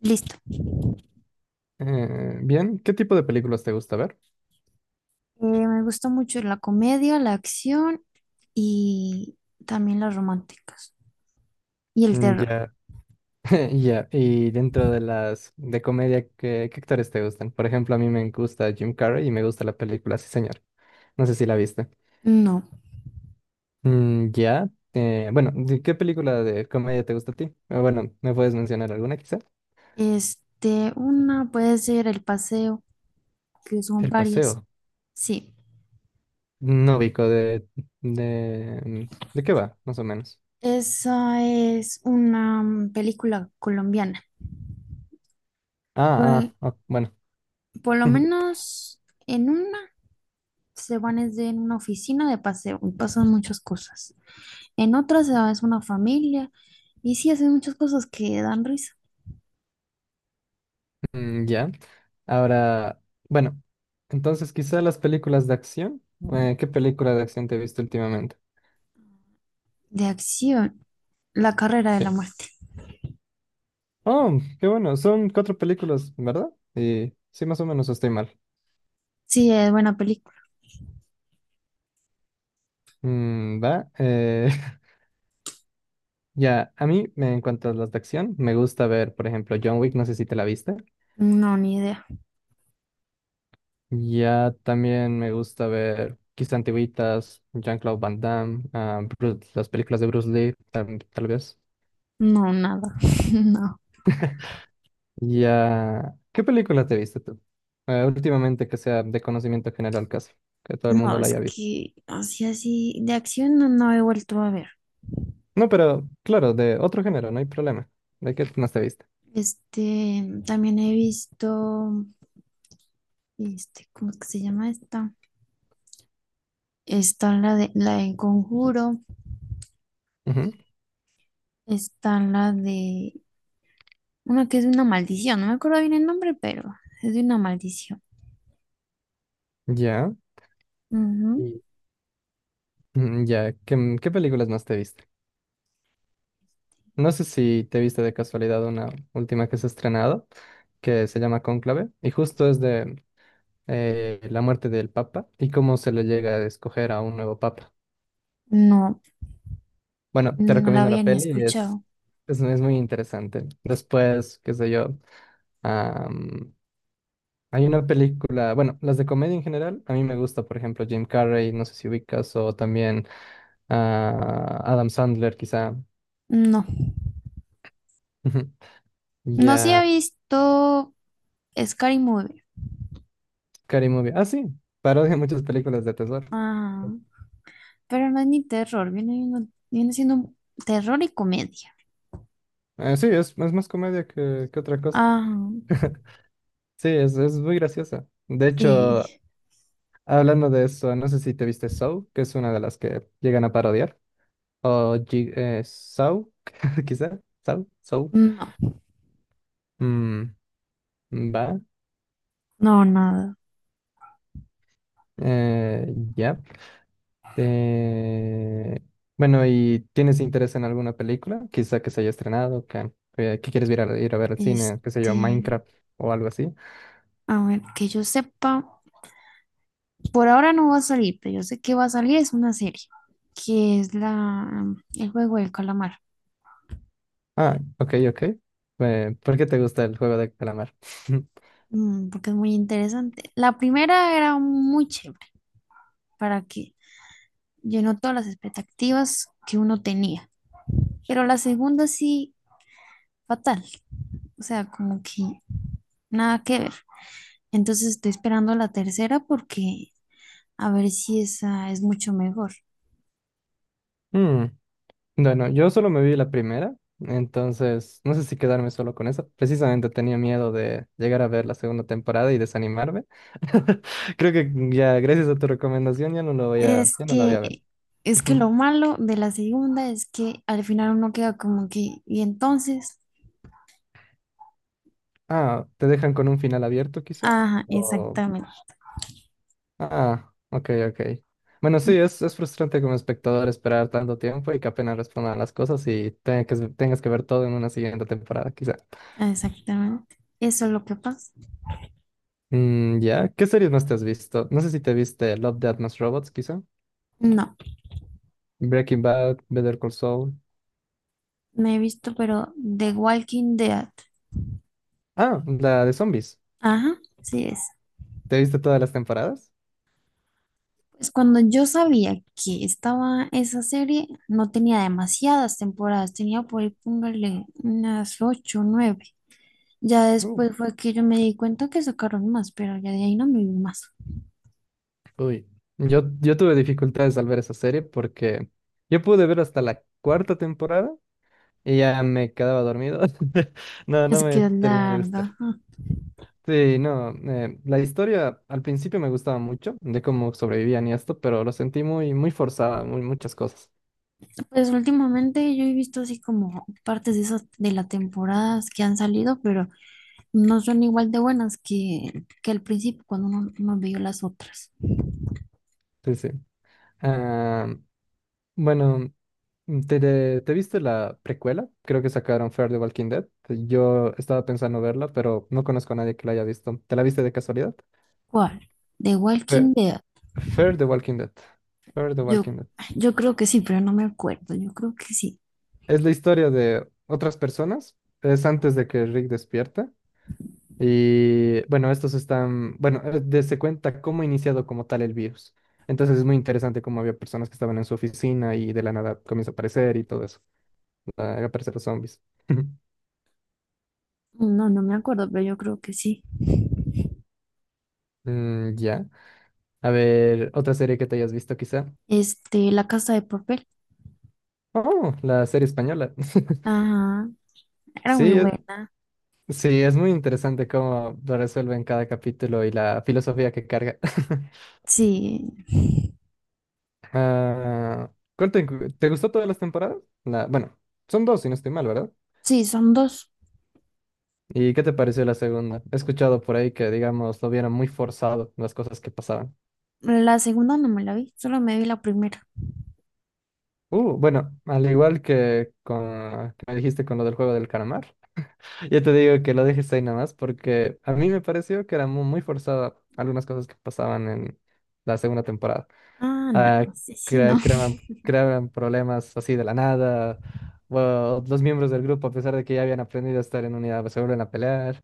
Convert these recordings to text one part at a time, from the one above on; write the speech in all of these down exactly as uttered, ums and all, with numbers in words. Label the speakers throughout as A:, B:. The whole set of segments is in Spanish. A: Listo.
B: Eh, bien, ¿qué tipo de películas te gusta ver?
A: Eh, me gusta mucho la comedia, la acción y también las románticas. Y el
B: Mm,
A: terror.
B: ya, ya. Y dentro de las de comedia, ¿qué, qué actores te gustan? Por ejemplo, a mí me gusta Jim Carrey y me gusta la película Sí, señor. No sé si la viste.
A: No.
B: Mm, ya. Eh, bueno, ¿de ¿qué película de comedia te gusta a ti? Eh, bueno, ¿me puedes mencionar alguna quizá?
A: Este, una puede ser El Paseo, que son
B: El
A: varias.
B: paseo.
A: Sí.
B: No ubico de, de, mm, ¿de qué va, más o menos?
A: Esa es una mm, película colombiana. Por,
B: Ah,
A: el-
B: ah, ok, bueno.
A: por lo menos en una se van es de- en una oficina de paseo y pasan muchas cosas. En otra se va es una familia y sí hacen muchas cosas que dan risa.
B: Mm, ya. Ahora, bueno, entonces quizá las películas de acción. Eh, ¿qué película de acción te he visto últimamente?
A: De acción, La carrera de
B: Sí.
A: la muerte.
B: Oh, qué bueno, son cuatro películas, ¿verdad? Y sí, más o menos estoy mal.
A: Sí, es buena película.
B: Mm, va. Eh, ya, a mí, me- en cuanto a las de acción, me gusta ver, por ejemplo, John Wick, no sé si te la viste.
A: No, ni idea.
B: Ya también me gusta ver quizá antiguitas, Jean-Claude Van Damme, ah, Bruce- las películas de Bruce Lee, tam- tal vez.
A: No, nada. No.
B: Ya, ¿qué película te viste tú? Eh, últimamente que sea de conocimiento general casi, que todo el
A: No,
B: mundo la
A: es
B: haya visto.
A: que así, así, de acción no, no he vuelto a ver.
B: No, pero claro, de otro género, no hay problema. ¿De qué más te viste?
A: Este, también he visto, este, ¿cómo es que se llama esta? Está la de, la de Conjuro,
B: Ujú,
A: está la de, una que es de una maldición, no me acuerdo bien el nombre, pero es de una maldición.
B: ya,
A: Ujú.
B: Y- mm, ya, ¿qué, qué películas más te viste? No sé si te viste de casualidad una última que se ha estrenado, que se llama Cónclave, y justo es de eh, la muerte del Papa y cómo se le llega a escoger a un nuevo Papa.
A: No,
B: Bueno, te
A: no la
B: recomiendo
A: había
B: la
A: ni
B: peli y es...
A: escuchado.
B: Es, es muy interesante. Después, qué sé yo. Am, Hay una película, bueno, las de comedia en general, a mí me gusta, por ejemplo, Jim Carrey, no sé si ubicas, o también ah, Adam Sandler, quizá.
A: No, no sí he
B: Ya,
A: visto Scary Movie.
B: Scary Movie. Ah, sí, parodia muchas películas de terror.
A: Ajá. Pero no es ni terror, viene, viendo- viene siendo un terror y comedia.
B: Eh, sí, es, es más comedia que, que otra cosa.
A: Ajá,
B: Sí, es, es muy graciosa. De hecho,
A: sí.
B: hablando de eso, no sé si te viste Saw, que es una de las que llegan a parodiar, o G- eh, Saw, quizá, Saw, Saw.
A: No,
B: Mm, va.
A: no, nada.
B: Eh, ya. Eh, bueno, ¿y tienes interés en alguna película? Quizá que se haya estrenado, que, que- que quieres ir a, ir a ver al cine, qué sé yo,
A: Este,
B: Minecraft o algo así.
A: a ver, que yo sepa, por ahora no va a salir, pero yo sé que va a salir, es una serie, que es la, el juego del calamar.
B: Ah, ok, ok. Eh, ¿por qué te gusta el juego de calamar?
A: Mm, porque es muy interesante. La primera era muy chévere, para que llenó todas las expectativas que uno tenía, pero la segunda sí, fatal, o sea, como que nada que ver. Entonces estoy esperando la tercera porque a ver si esa es mucho mejor.
B: Mm, bueno, yo solo me vi la primera, entonces no sé si quedarme solo con eso. Precisamente tenía miedo de llegar a ver la segunda temporada y desanimarme. Creo que ya, gracias a tu recomendación, ya no lo voy a,
A: Es
B: ya no la voy a ver.
A: que, es que lo malo de la segunda es que al final uno queda como que, y entonces,
B: Ah, ¿te dejan con un final abierto quizá?
A: ajá,
B: O...
A: exactamente,
B: Ah, ok, ok. Bueno,
A: mm,
B: sí, es, es frustrante como espectador esperar tanto tiempo y que apenas respondan las cosas y tenga que, tengas que ver todo en una siguiente temporada quizá.
A: exactamente. Eso es lo que pasa.
B: Mm, ya, ¿qué series más te has visto? No sé si te viste Love, Death Más Robots quizá.
A: No,
B: Breaking Bad, Better Call Saul.
A: me he visto, pero The Walking Dead.
B: Ah, la de zombies.
A: Ajá, sí es.
B: ¿Te viste todas las temporadas?
A: Pues cuando yo sabía que estaba esa serie, no tenía demasiadas temporadas, tenía por ahí, póngale, unas ocho, o nueve. Ya
B: Uh,
A: después fue que yo me di cuenta que sacaron más, pero ya de ahí no me vi más.
B: uy. Yo, yo tuve dificultades al ver esa serie porque yo pude ver hasta la cuarta temporada y ya me quedaba dormido. No, no
A: Es
B: me
A: que es
B: termina de gustar.
A: larga. Ah,
B: Sí, no, eh, la historia al principio me gustaba mucho, de cómo sobrevivían y esto, pero lo sentí muy, muy forzada, muy, muchas cosas.
A: pues últimamente yo he visto así como partes de esas de las temporadas que han salido, pero no son igual de buenas que, que al principio cuando uno, uno vio las otras.
B: Sí, sí. Ah, bueno, ¿te, te, te viste la precuela? Creo que sacaron Fear the Walking Dead. Yo estaba pensando verla, pero no conozco a nadie que la haya visto. ¿Te la viste de casualidad?
A: ¿Cuál? ¿The
B: Fe-
A: Walking Dead?
B: Fear the Walking Dead. Fear the
A: Yo,
B: Walking Dead.
A: yo creo que sí, pero no me acuerdo. Yo creo que sí.
B: Es la historia de otras personas. Es antes de que Rick despierta. Y bueno, estos están, bueno, eh, de- se cuenta cómo ha iniciado como tal el virus. Entonces es muy interesante cómo había personas que estaban en su oficina y de la nada comienza a aparecer y todo eso. A aparecer los zombies.
A: No, no me acuerdo, pero yo creo que sí.
B: Mm, ya. A ver, otra serie que te hayas visto quizá.
A: Este, La Casa de Papel.
B: Oh, la serie española.
A: Ajá, era muy
B: Sí, eh,
A: buena.
B: sí, es muy interesante cómo lo resuelven cada capítulo y la filosofía que carga.
A: Sí.
B: Ah, ¿cuál te, te gustó todas las temporadas? La, bueno, son dos, si no estoy mal, ¿verdad?
A: Sí, son dos.
B: ¿Y qué te pareció la segunda? He escuchado por ahí que, digamos, lo vieron muy forzado las cosas que pasaban.
A: La segunda no me la vi, solo me vi la primera.
B: Uh, bueno, al igual que con que me dijiste con lo del juego del calamar, yo te digo que lo dejes ahí nada más porque a mí me pareció que eran muy, muy forzadas algunas cosas que pasaban en la segunda temporada.
A: Ah, no,
B: ah,
A: sí, sí, no.
B: cre- Creaban creaban problemas así de la nada. O los miembros del grupo, a pesar de que ya habían aprendido a estar en unidad, se vuelven a pelear.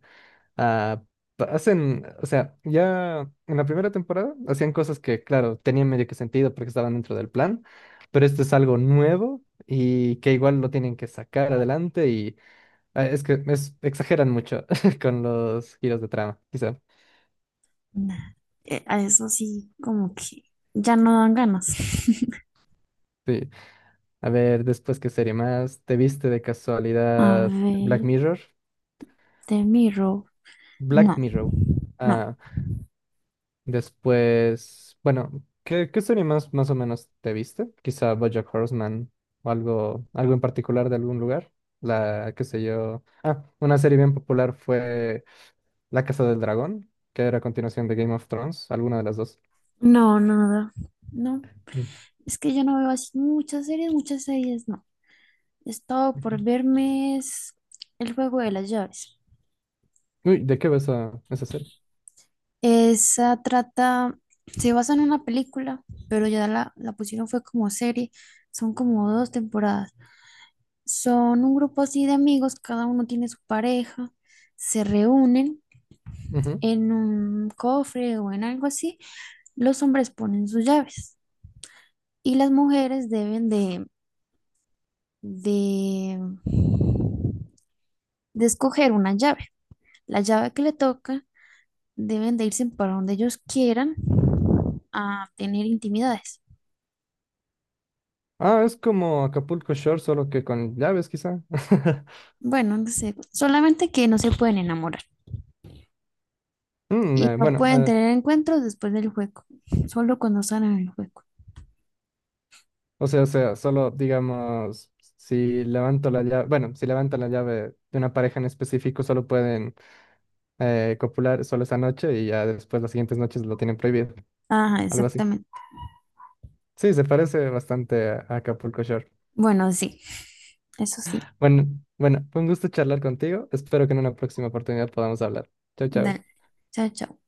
B: ah, pa- Hacen, o sea, ya en la primera temporada hacían cosas que, claro, tenían medio que sentido porque estaban dentro del plan, pero esto es algo nuevo y que igual lo tienen que sacar adelante y ah, es que es- exageran mucho con los giros de trama, quizá.
A: Nah, eh, a eso sí, como que ya no dan ganas.
B: Sí. A ver, después, ¿qué serie más? ¿Te viste de
A: A
B: casualidad Black
A: ver,
B: Mirror?
A: The Mirror,
B: Black
A: no,
B: Mirror.
A: no,
B: Ah, después, bueno, ¿qué, qué serie más, más o menos te viste? Quizá BoJack Horseman o algo, algo en particular de algún lugar. La, qué sé yo. Ah, una serie bien popular fue La Casa del Dragón, que era a continuación de Game of Thrones, alguna de las dos.
A: no, no, no. No,
B: Mm,
A: es que yo no veo así muchas series, muchas series, no. He estado por
B: ujú.
A: verme es El juego de las llaves.
B: Uy, ¿de qué ves esa, esa serie?
A: Esa trata, se basa en una película, pero ya la, la pusieron fue como serie. Son como dos temporadas. Son un grupo así de amigos, cada uno tiene su pareja, se reúnen
B: Ujú.
A: en un cofre o en algo así. Los hombres ponen sus llaves y las mujeres deben de, de, de escoger una llave. La llave que le toca deben de irse para donde ellos quieran a tener intimidades.
B: Ah, es como Acapulco Shore, solo que con llaves, quizá.
A: Bueno, no sé, solamente que no se pueden enamorar
B: Mm,
A: y
B: eh,
A: no
B: bueno,
A: pueden
B: eh,
A: tener encuentros después del juego, solo cuando están en el juego.
B: o sea, o sea, solo digamos, si levanto la llave, bueno, si levantan la llave de una pareja en específico, solo pueden eh, copular solo esa noche y ya después las siguientes noches lo tienen prohibido,
A: Ajá,
B: algo así.
A: exactamente.
B: Sí, se parece bastante a Acapulco Shore.
A: Bueno, sí, eso sí.
B: Bueno, bueno, fue un gusto charlar contigo. Espero que en una próxima oportunidad podamos hablar. Chao, chao.
A: Dale. Chao, chao.